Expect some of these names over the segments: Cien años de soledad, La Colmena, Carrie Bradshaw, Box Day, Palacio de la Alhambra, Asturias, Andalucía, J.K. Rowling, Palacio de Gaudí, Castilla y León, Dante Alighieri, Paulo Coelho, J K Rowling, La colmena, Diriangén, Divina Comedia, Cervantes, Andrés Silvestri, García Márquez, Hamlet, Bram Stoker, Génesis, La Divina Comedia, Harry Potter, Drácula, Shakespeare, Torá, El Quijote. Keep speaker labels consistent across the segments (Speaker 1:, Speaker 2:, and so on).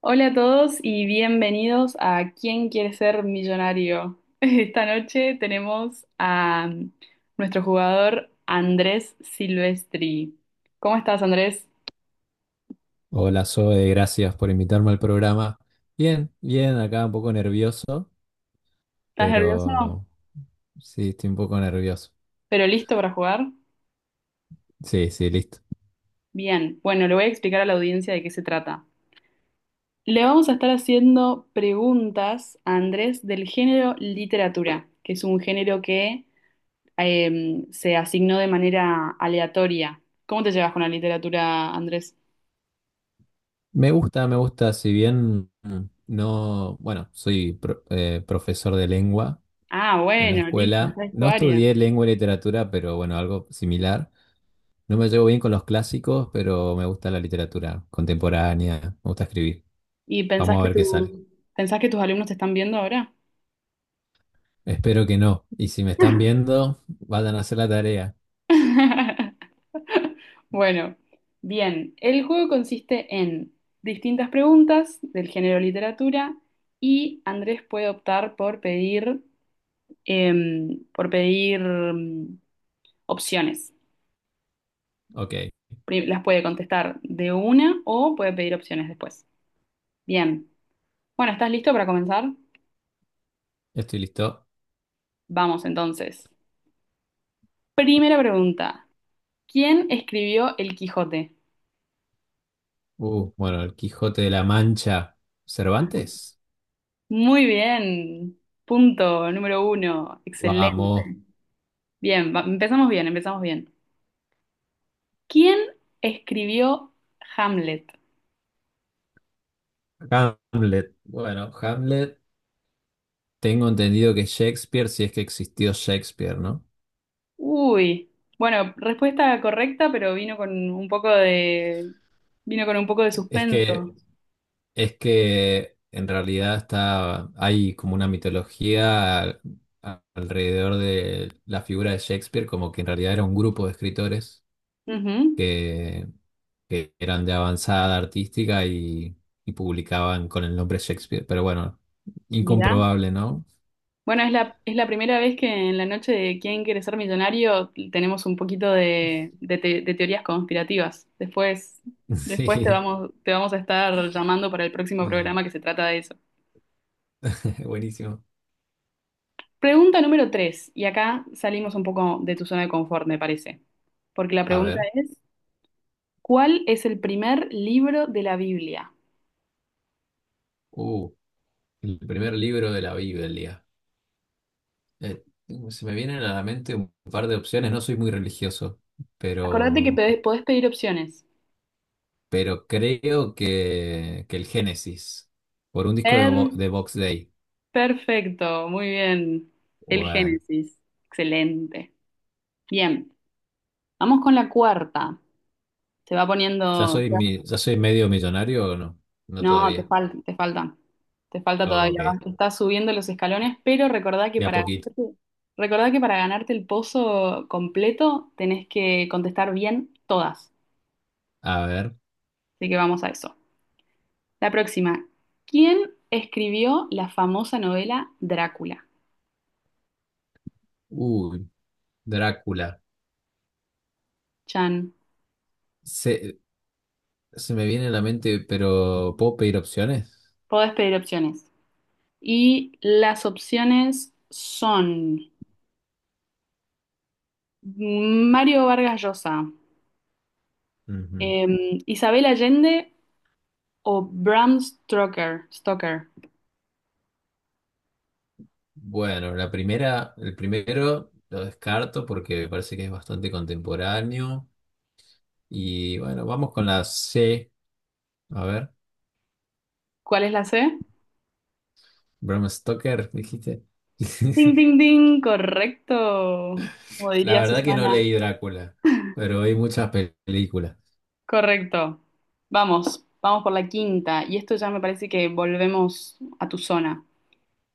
Speaker 1: Hola a todos y bienvenidos a ¿Quién quiere ser millonario? Esta noche tenemos a nuestro jugador Andrés Silvestri. ¿Cómo estás, Andrés?
Speaker 2: Hola, Zoe, gracias por invitarme al programa. Bien, bien, acá un poco nervioso,
Speaker 1: ¿Estás nervioso?
Speaker 2: pero sí, estoy un poco nervioso.
Speaker 1: ¿Pero listo para jugar?
Speaker 2: Sí, sí, listo.
Speaker 1: Bien, bueno, le voy a explicar a la audiencia de qué se trata. Le vamos a estar haciendo preguntas a Andrés del género literatura, que es un género que se asignó de manera aleatoria. ¿Cómo te llevas con la literatura, Andrés?
Speaker 2: Me gusta, si bien no, bueno, profesor de lengua
Speaker 1: Ah,
Speaker 2: en la
Speaker 1: bueno, listo,
Speaker 2: escuela.
Speaker 1: esa es tu
Speaker 2: No
Speaker 1: área.
Speaker 2: estudié lengua y literatura, pero bueno, algo similar. No me llevo bien con los clásicos, pero me gusta la literatura contemporánea, me gusta escribir.
Speaker 1: ¿Y pensás
Speaker 2: Vamos a
Speaker 1: que
Speaker 2: ver qué sale.
Speaker 1: pensás que tus alumnos te están viendo ahora?
Speaker 2: Espero que no. Y si me están viendo, vayan a hacer la tarea.
Speaker 1: Bueno, bien. El juego consiste en distintas preguntas del género literatura y Andrés puede optar por pedir opciones.
Speaker 2: Ok.
Speaker 1: Las puede contestar de una o puede pedir opciones después. Bien. Bueno, ¿estás listo para comenzar?
Speaker 2: Estoy listo.
Speaker 1: Vamos entonces. Primera pregunta. ¿Quién escribió El Quijote?
Speaker 2: Bueno, el Quijote de la Mancha. ¿Cervantes?
Speaker 1: Muy bien. Punto número uno. Excelente.
Speaker 2: Vamos.
Speaker 1: Bien, empezamos bien, empezamos bien. ¿Quién escribió Hamlet?
Speaker 2: Hamlet. Bueno, Hamlet. Tengo entendido que Shakespeare, si es que existió Shakespeare, ¿no?
Speaker 1: Uy. Bueno, respuesta correcta, pero vino con un poco de
Speaker 2: Es que,
Speaker 1: suspenso.
Speaker 2: es que en realidad hay como una mitología alrededor de la figura de Shakespeare, como que en realidad era un grupo de escritores
Speaker 1: Ujú.
Speaker 2: que, que eran de avanzada artística y publicaban con el nombre Shakespeare. Pero bueno,
Speaker 1: Mirá.
Speaker 2: incomprobable, ¿no?
Speaker 1: Bueno, es la primera vez que en la noche de ¿Quién quiere ser millonario? Tenemos un poquito de teorías conspirativas. Después, después te
Speaker 2: Sí,
Speaker 1: vamos, te vamos a estar llamando para el próximo
Speaker 2: eh,
Speaker 1: programa que se trata de eso.
Speaker 2: buenísimo.
Speaker 1: Pregunta número tres, y acá salimos un poco de tu zona de confort, me parece. Porque la
Speaker 2: A
Speaker 1: pregunta
Speaker 2: ver,
Speaker 1: es, ¿cuál es el primer libro de la Biblia?
Speaker 2: uh, el primer libro de la Biblia. Eh, Se me vienen a la mente un par de opciones, no soy muy religioso,
Speaker 1: Acordate que
Speaker 2: pero,
Speaker 1: podés pedir opciones.
Speaker 2: pero creo que el Génesis, por un disco de,
Speaker 1: Per-
Speaker 2: de Box Day.
Speaker 1: perfecto, muy bien. El
Speaker 2: Bueno,
Speaker 1: Génesis, excelente. Bien. Vamos con la cuarta. Se va poniendo.
Speaker 2: ya soy medio millonario o no? No
Speaker 1: No, te
Speaker 2: todavía.
Speaker 1: falta, te falta. Te falta todavía.
Speaker 2: Ok.
Speaker 1: Estás subiendo los escalones, pero
Speaker 2: De a poquito.
Speaker 1: recordá que para ganarte el pozo completo tenés que contestar bien todas.
Speaker 2: A ver.
Speaker 1: Así que vamos a eso. La próxima. ¿Quién escribió la famosa novela Drácula?
Speaker 2: Uy, Drácula.
Speaker 1: Chan.
Speaker 2: Se, Se me viene a la mente, pero ¿puedo pedir opciones?
Speaker 1: Podés pedir opciones. Y las opciones son Mario Vargas Llosa,
Speaker 2: Ujú.
Speaker 1: Isabel Allende o Bram Stoker. Stoker.
Speaker 2: Bueno, la primera, el primero lo descarto porque me parece que es bastante contemporáneo. Y bueno, vamos con la C. A ver.
Speaker 1: ¿Cuál es la C?
Speaker 2: Bram Stoker, dijiste.
Speaker 1: Ding, ding, ding, correcto. Como
Speaker 2: La
Speaker 1: diría
Speaker 2: verdad que no
Speaker 1: Susana.
Speaker 2: leí Drácula, pero hay muchas películas.
Speaker 1: Correcto. Vamos, vamos por la quinta. Y esto ya me parece que volvemos a tu zona.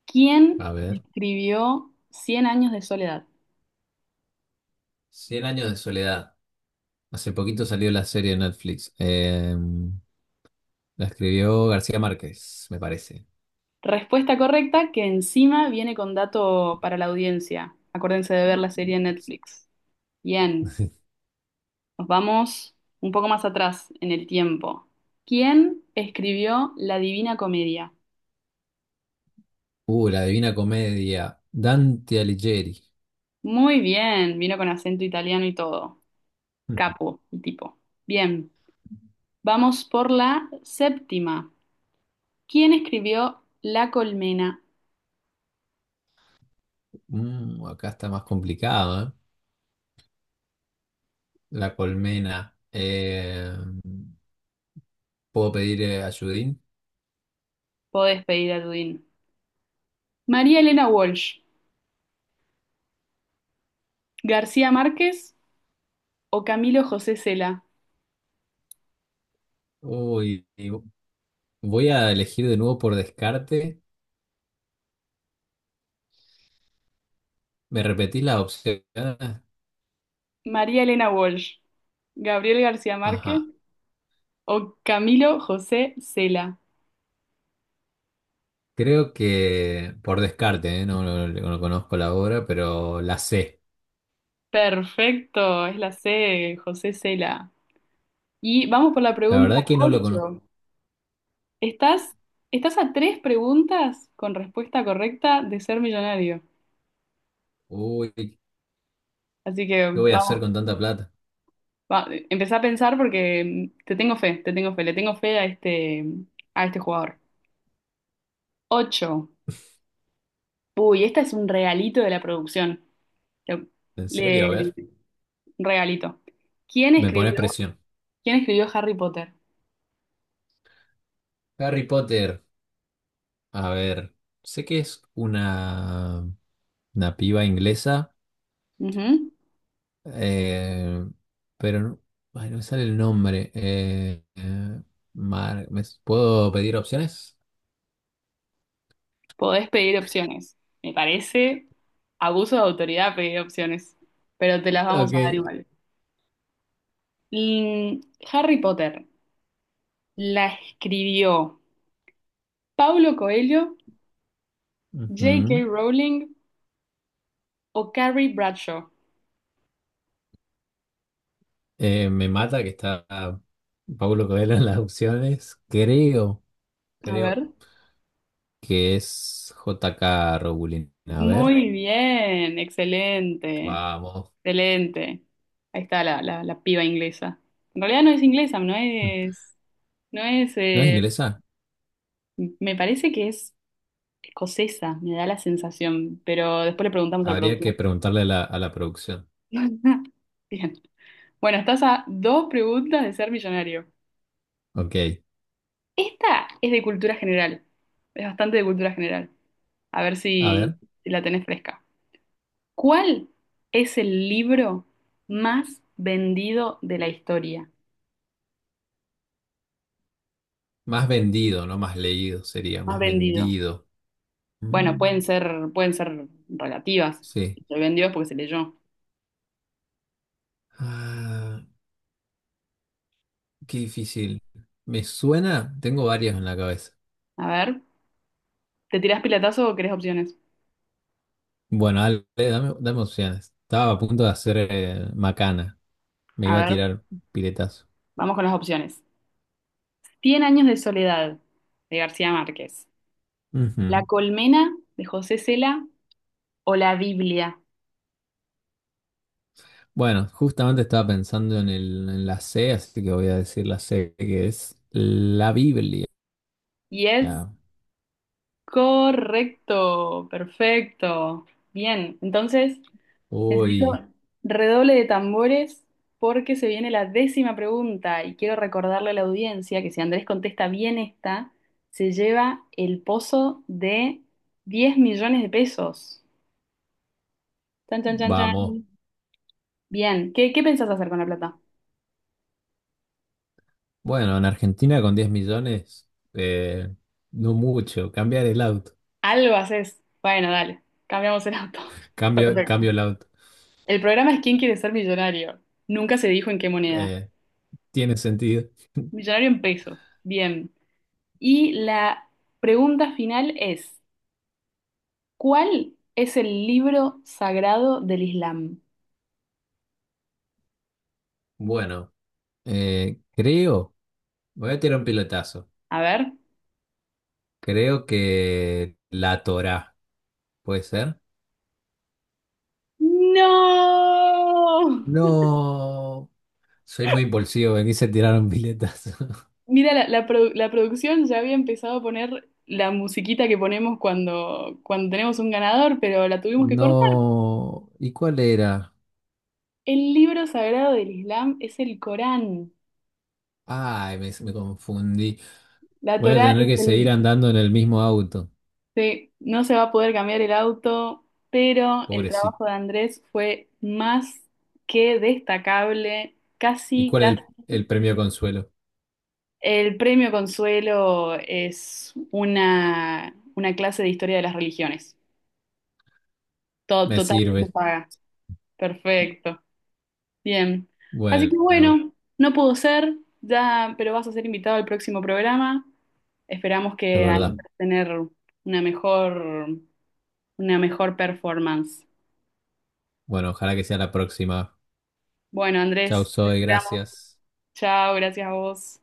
Speaker 1: ¿Quién
Speaker 2: A ver.
Speaker 1: escribió Cien años de soledad?
Speaker 2: Cien años de soledad. Hace poquito salió la serie de Netflix. La escribió García Márquez, me parece.
Speaker 1: Respuesta correcta que encima viene con dato para la audiencia. Acuérdense de ver la serie en Netflix. Bien. Nos vamos un poco más atrás en el tiempo. ¿Quién escribió La Divina Comedia?
Speaker 2: La Divina Comedia. Dante Alighieri.
Speaker 1: Muy bien, vino con acento italiano y todo.
Speaker 2: Mm,
Speaker 1: Capo, el tipo. Bien, vamos por la séptima. ¿Quién escribió La Colmena?
Speaker 2: Acá está más complicado, ¿eh? La colmena. ¿Puedo pedir ayudín?
Speaker 1: Podés pedir a Dudín. María Elena Walsh, García Márquez o Camilo José Cela.
Speaker 2: Uy, y voy a elegir de nuevo por descarte. ¿Me repetís las opciones?
Speaker 1: María Elena Walsh, Gabriel García Márquez
Speaker 2: Ajá.
Speaker 1: o Camilo José Cela.
Speaker 2: Creo que por descarte, ¿eh? No, no conozco la obra, pero la sé.
Speaker 1: Perfecto, es la C, José Cela. Y vamos por la
Speaker 2: La
Speaker 1: pregunta
Speaker 2: verdad que no lo conozco.
Speaker 1: 8. ¿Estás, estás a tres preguntas con respuesta correcta de ser millonario?
Speaker 2: Uy, ¿qué
Speaker 1: Así que
Speaker 2: voy a hacer
Speaker 1: vamos,
Speaker 2: con tanta plata?
Speaker 1: empezá a pensar porque te tengo fe, le tengo fe a este jugador. Ocho. Uy, esta es un regalito de la producción. Le,
Speaker 2: ¿En serio? A
Speaker 1: le-
Speaker 2: ver.
Speaker 1: un regalito. ¿Quién
Speaker 2: Me pone
Speaker 1: escribió,
Speaker 2: presión.
Speaker 1: quién escribió Harry Potter?
Speaker 2: Harry Potter, a ver, sé que es una piba inglesa,
Speaker 1: Ujú.
Speaker 2: eh, pero no, ay, no me sale el nombre. ¿Puedo pedir opciones?
Speaker 1: Podés pedir opciones. Me parece abuso de autoridad pedir opciones, pero te las vamos a dar
Speaker 2: Ok.
Speaker 1: igual. Mm, Harry Potter, ¿la escribió Paulo Coelho, J.K.
Speaker 2: Ujú.
Speaker 1: Rowling o Carrie Bradshaw?
Speaker 2: Me mata que está Paulo Coelho en las opciones. Creo,
Speaker 1: A
Speaker 2: creo
Speaker 1: ver.
Speaker 2: que es J.K. Rowling. A ver,
Speaker 1: Muy bien, excelente,
Speaker 2: vamos.
Speaker 1: excelente. Ahí está la piba inglesa. En realidad no es inglesa, no es, no es,
Speaker 2: ¿No es inglesa?
Speaker 1: me parece que es escocesa, me da la sensación, pero después le preguntamos al
Speaker 2: Habría
Speaker 1: productor.
Speaker 2: que preguntarle a la producción.
Speaker 1: Bien. Bueno, estás a dos preguntas de ser millonario.
Speaker 2: Ok.
Speaker 1: Esta es de cultura general. Es bastante de cultura general. A ver
Speaker 2: A
Speaker 1: si,
Speaker 2: ver,
Speaker 1: si la tenés fresca. ¿Cuál es el libro más vendido de la historia?
Speaker 2: más vendido, no más leído, sería
Speaker 1: Más
Speaker 2: más
Speaker 1: vendido.
Speaker 2: vendido.
Speaker 1: Bueno,
Speaker 2: Mm,
Speaker 1: pueden ser relativas.
Speaker 2: sí.
Speaker 1: Si se vendió es porque se leyó.
Speaker 2: Ah, qué difícil. Me suena, tengo varias en la cabeza.
Speaker 1: A ver, ¿te tirás pilatazo o querés opciones?
Speaker 2: Bueno, dale, dame, dame opciones. Estaba a punto de hacer macana. Me
Speaker 1: A
Speaker 2: iba a
Speaker 1: ver,
Speaker 2: tirar piletazo.
Speaker 1: vamos con las opciones. Cien años de soledad, de García Márquez. La
Speaker 2: Ujú.
Speaker 1: colmena, de José Cela, o la Biblia.
Speaker 2: Bueno, justamente estaba pensando en el, en la C, así que voy a decir la C, que es la Biblia.
Speaker 1: Y es correcto, perfecto. Bien, entonces necesito
Speaker 2: Uy,
Speaker 1: redoble de tambores porque se viene la décima pregunta y quiero recordarle a la audiencia que si Andrés contesta bien esta, se lleva el pozo de 10 millones de pesos. Chan, chan, chan, chan.
Speaker 2: vamos.
Speaker 1: Bien, ¿qué pensás hacer con la plata?
Speaker 2: Bueno, en Argentina con 10 millones, eh, no mucho. Cambiar el auto.
Speaker 1: Algo haces. Bueno, dale, cambiamos el auto.
Speaker 2: Cambio,
Speaker 1: Perfecto.
Speaker 2: cambio el auto.
Speaker 1: El programa es ¿Quién quiere ser millonario? Nunca se dijo en qué moneda.
Speaker 2: Eh, Tiene sentido.
Speaker 1: Millonario en pesos. Bien. Y la pregunta final es, ¿cuál es el libro sagrado del Islam?
Speaker 2: Bueno, creo, voy a tirar un pilotazo.
Speaker 1: A ver.
Speaker 2: Creo que la Torá, ¿puede ser?
Speaker 1: ¡No!
Speaker 2: No, soy muy impulsivo, me quise tirar un piletazo.
Speaker 1: Mira, la producción ya había empezado a poner la musiquita que ponemos cuando tenemos un ganador, pero la tuvimos que cortar.
Speaker 2: No, ¿y cuál era?
Speaker 1: El libro sagrado del Islam es el Corán.
Speaker 2: Ay, me confundí.
Speaker 1: La
Speaker 2: Voy a
Speaker 1: Torá
Speaker 2: tener
Speaker 1: es
Speaker 2: que seguir
Speaker 1: el.
Speaker 2: andando en el mismo auto,
Speaker 1: Sí, no se va a poder cambiar el auto, pero el
Speaker 2: pobrecito.
Speaker 1: trabajo de Andrés fue más que destacable,
Speaker 2: ¿Y
Speaker 1: casi,
Speaker 2: cuál es
Speaker 1: casi.
Speaker 2: el premio consuelo?
Speaker 1: El premio Consuelo es una clase de historia de las religiones, todo
Speaker 2: Me
Speaker 1: totalmente
Speaker 2: sirve.
Speaker 1: paga. Perfecto, bien. Así que
Speaker 2: Bueno,
Speaker 1: bueno, no pudo ser, ya, pero vas a ser invitado al próximo programa. Esperamos
Speaker 2: es
Speaker 1: que al
Speaker 2: verdad. Mm.
Speaker 1: tener una mejor, una mejor performance.
Speaker 2: Bueno, ojalá que sea la próxima.
Speaker 1: Bueno,
Speaker 2: Chau,
Speaker 1: Andrés, te
Speaker 2: Zoe,
Speaker 1: esperamos.
Speaker 2: gracias.
Speaker 1: Chao, gracias a vos.